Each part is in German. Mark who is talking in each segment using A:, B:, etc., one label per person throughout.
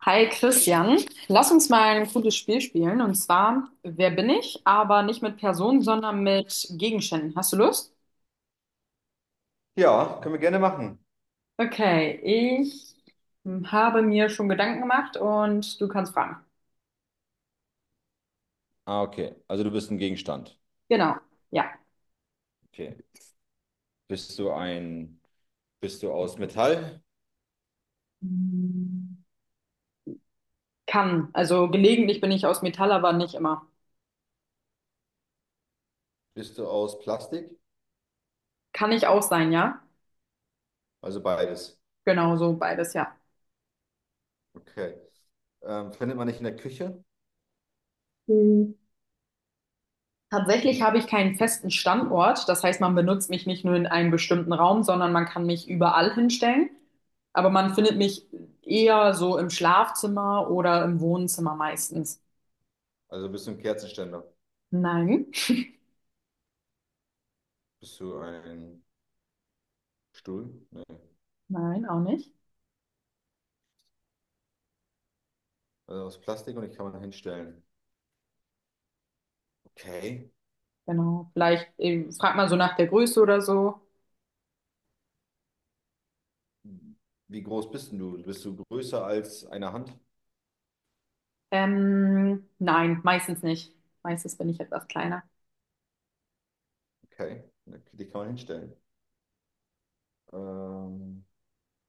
A: Hi Christian, lass uns mal ein cooles Spiel spielen, und zwar: Wer bin ich? Aber nicht mit Personen, sondern mit Gegenständen. Hast du Lust?
B: Ja, können wir gerne machen.
A: Okay, ich habe mir schon Gedanken gemacht und du kannst fragen.
B: Ah, okay. Also du bist ein Gegenstand.
A: Genau, ja.
B: Okay. Bist du ein, Bist du aus Metall?
A: Hm, kann, also gelegentlich bin ich aus Metall, aber nicht immer.
B: Bist du aus Plastik?
A: Kann ich auch sein, ja?
B: Also beides.
A: Genau, so beides, ja.
B: Okay. Findet man nicht in der Küche?
A: Hm. Tatsächlich habe ich keinen festen Standort, das heißt, man benutzt mich nicht nur in einem bestimmten Raum, sondern man kann mich überall hinstellen. Aber man findet mich eher so im Schlafzimmer oder im Wohnzimmer meistens.
B: Also bist du ein Kerzenständer?
A: Nein,
B: Bist du ein Stuhl? Nee.
A: nein, auch nicht.
B: Also aus Plastik und ich kann man hinstellen. Okay.
A: Genau. Vielleicht fragt man so nach der Größe oder so.
B: Wie groß bist denn du? Bist du größer als eine Hand?
A: Nein, meistens nicht. Meistens bin ich etwas kleiner.
B: Okay. Die kann man hinstellen. Ähm,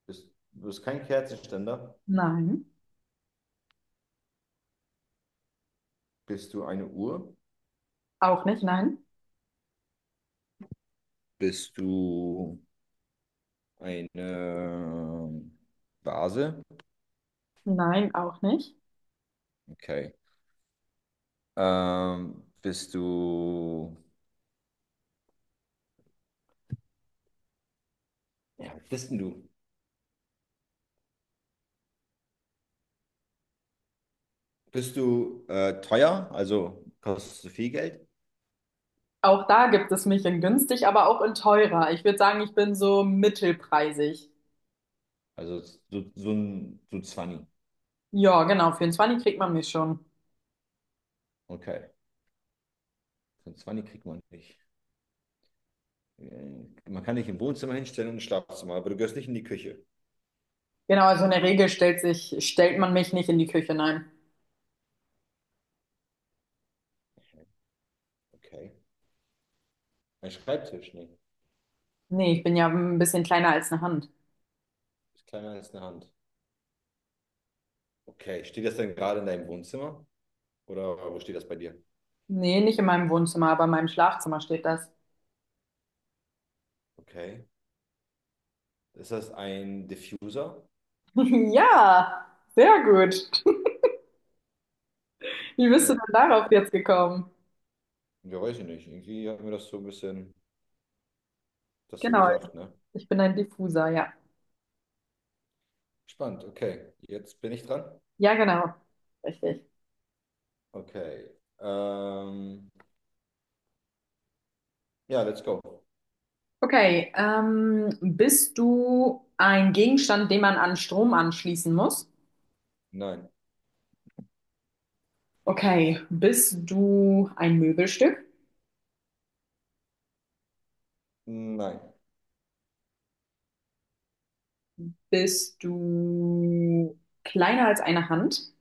B: du bist kein Kerzenständer.
A: Nein,
B: Bist du eine Uhr?
A: auch nicht, nein.
B: Bist du eine Vase?
A: Nein, auch nicht.
B: Okay. Bist du. Ja, was bist denn du? Bist du teuer? Also kostest du viel Geld?
A: Auch da gibt es mich in günstig, aber auch in teurer. Ich würde sagen, ich bin so mittelpreisig.
B: Also so ein 20.
A: Ja, genau, für 20 kriegt man mich schon.
B: Okay. So ein 20 kriegt man nicht. Äh, Man kann dich im Wohnzimmer hinstellen und im Schlafzimmer, aber du gehörst nicht in die Küche.
A: Genau, also in der Regel stellt man mich nicht in die Küche, nein.
B: Okay. Ein Schreibtisch? Nee.
A: Nee, ich bin ja ein bisschen kleiner als eine Hand.
B: Ist kleiner als eine Hand. Okay. Steht das denn gerade in deinem Wohnzimmer? Oder wo steht das bei dir?
A: Nee, nicht in meinem Wohnzimmer, aber in meinem Schlafzimmer steht das.
B: Okay. Ist das ein Diffuser?
A: Ja, sehr gut. Wie bist du
B: Ja,
A: denn darauf jetzt gekommen?
B: ja, weiß ich nicht. Irgendwie hat mir das so ein bisschen das so
A: Genau,
B: gesagt, ne?
A: ich bin ein Diffuser, ja.
B: Spannend, okay. Jetzt bin ich dran.
A: Ja, genau. Richtig.
B: Okay. Ähm, ja, let's go.
A: Okay, bist du ein Gegenstand, den man an Strom anschließen muss?
B: Nein,
A: Okay, bist du ein Möbelstück?
B: nein,
A: Bist du kleiner als eine Hand?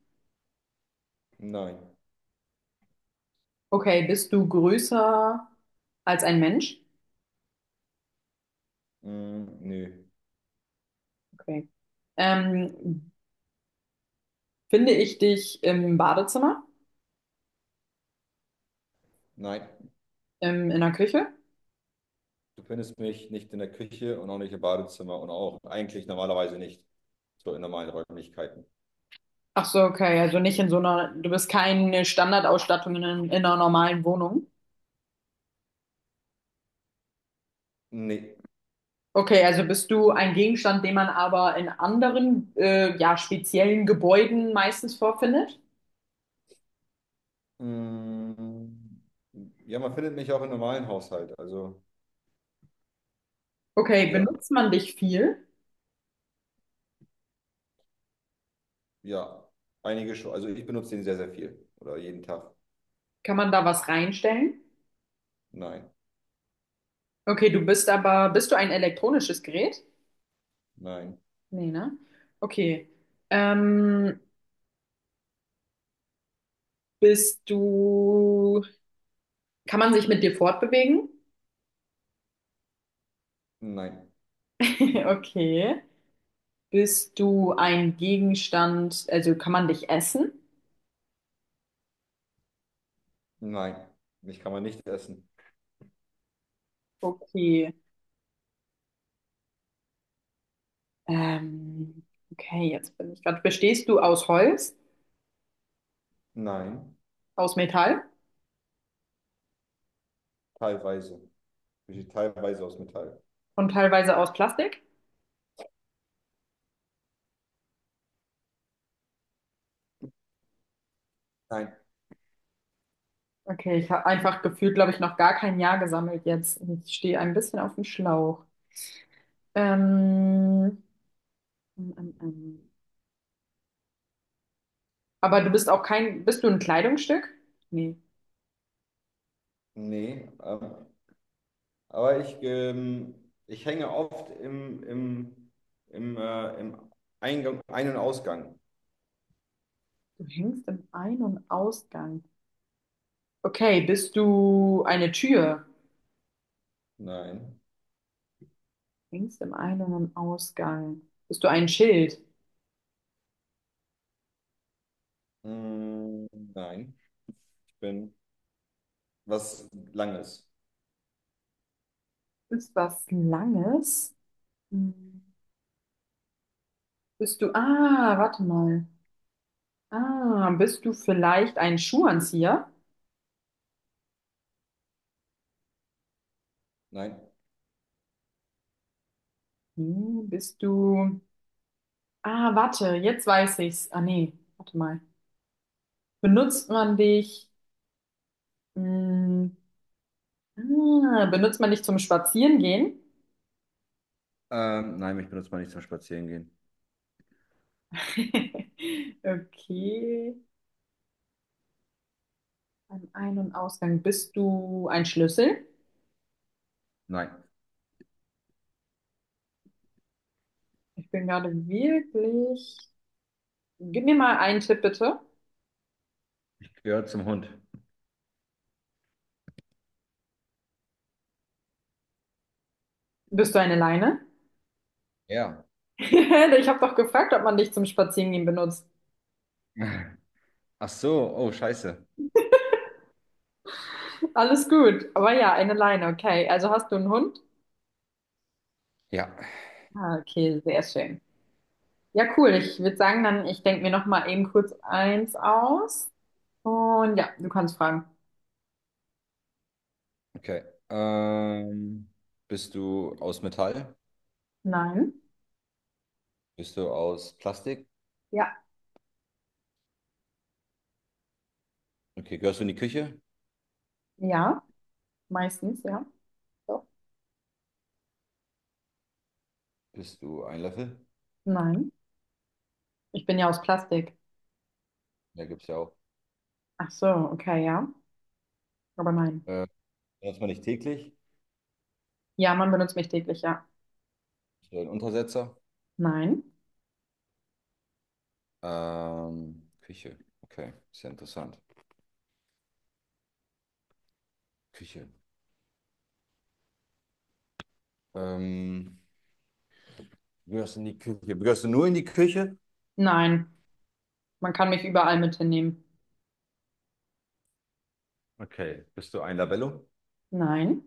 B: nein,
A: Okay, bist du größer als ein Mensch?
B: mm, nö,
A: Okay. Ähm, finde ich dich im Badezimmer,
B: nein.
A: in der Küche?
B: Du findest mich nicht in der Küche und auch nicht im Badezimmer und auch eigentlich normalerweise nicht so in normalen Räumlichkeiten.
A: Ach so, okay, also nicht in so einer, du bist keine Standardausstattung in einer normalen Wohnung.
B: Nee.
A: Okay, also bist du ein Gegenstand, den man aber in anderen, ja, speziellen Gebäuden meistens vorfindet?
B: Mm, ja, man findet mich auch im normalen Haushalt. Also,
A: Okay,
B: ja.
A: benutzt man dich viel?
B: Ja, einige schon. Also ich benutze den sehr, sehr viel. Oder jeden Tag.
A: Kann man da was reinstellen?
B: Nein,
A: Okay, bist du ein elektronisches Gerät?
B: nein,
A: Nee, ne? Okay. Ähm, bist du Kann man sich mit dir fortbewegen?
B: nein,
A: Okay. Bist du ein Gegenstand, also kann man dich essen?
B: nein. Mich kann man nicht essen.
A: Okay. Ähm, okay, jetzt bin ich gerade. Bestehst du aus Holz,
B: Nein,
A: aus Metall
B: teilweise. Besteht teilweise aus Metall.
A: und teilweise aus Plastik?
B: Nein,
A: Okay, ich habe einfach gefühlt, glaube ich, noch gar kein Ja gesammelt jetzt. Ich stehe ein bisschen auf dem Schlauch. Ähm, ähm, ähm, ähm. Aber du bist auch kein, bist du ein Kleidungsstück? Nee,
B: nee. Aber ich hänge oft im Eingang, Ein- und Ausgang.
A: du hängst im Ein- und Ausgang. Okay, bist du eine Tür?
B: Nein.
A: Längst im Ein- und im Ausgang. Bist du ein Schild?
B: Mm, nein. Ich bin was Langes.
A: Ist was Langes? Hm. Warte mal. Ah, bist du vielleicht ein Schuhanzieher?
B: Nein.
A: Hm, warte, jetzt weiß ich's. Ah, nee, warte mal. Benutzt man dich, hm, benutzt man dich zum Spazierengehen?
B: Nein, mich benutzt man nicht zum Spazierengehen.
A: Okay. Am Ein- und Ausgang. Bist du ein Schlüssel?
B: Nein.
A: Ich bin gerade wirklich. Gib mir mal einen Tipp, bitte.
B: Ich gehöre zum Hund.
A: Bist du eine Leine?
B: Ja.
A: Ich habe doch gefragt, ob man dich zum Spazierengehen benutzt.
B: Ach so, oh, scheiße.
A: Alles gut. Aber ja, eine Leine, okay. Also hast du einen Hund?
B: Ja,
A: Ah, okay, sehr schön. Ja, cool. Ich würde sagen, dann, ich denke mir noch mal eben kurz eins aus. Und ja, du kannst fragen.
B: okay. Ähm, Bist du aus Metall?
A: Nein.
B: Bist du aus Plastik?
A: Ja.
B: Okay, gehörst du in die Küche?
A: Ja. Meistens, ja. So.
B: Bist du ein Löffel?
A: Nein. Ich bin ja aus Plastik.
B: Ja, gibt's ja auch.
A: Ach so, okay, ja. Aber nein.
B: Äh, Benutzt man nicht täglich?
A: Ja, man benutzt mich täglich, ja.
B: Bist du ein Untersetzer?
A: Nein.
B: Küche. Okay, sehr interessant. Küche. Ähm, Gehörst du in die Küche. Gehörst du nur in die Küche?
A: Nein. Man kann mich überall mit hinnehmen.
B: Okay. Bist du ein Labello?
A: Nein,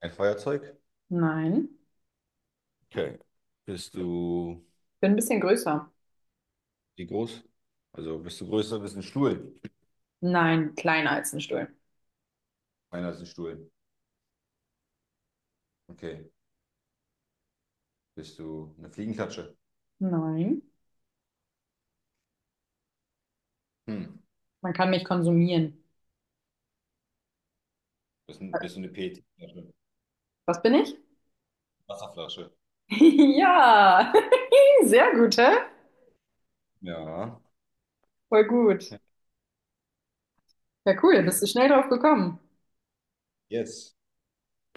B: Ein Feuerzeug?
A: nein,
B: Okay. Bist du
A: bin ein bisschen größer.
B: Wie groß? Also bist ein Stuhl?
A: Nein, kleiner als ein Stuhl.
B: Einer ist ein Stuhl. Okay. Bist du eine Fliegenklatsche?
A: Nein.
B: Hm.
A: Man kann mich konsumieren.
B: Bist du eine PET-Flasche?
A: Was bin ich?
B: Wasserflasche?
A: Ja, sehr gut, hä?
B: Ja.
A: Voll gut. Ja, cool, bist du schnell drauf gekommen.
B: Yes.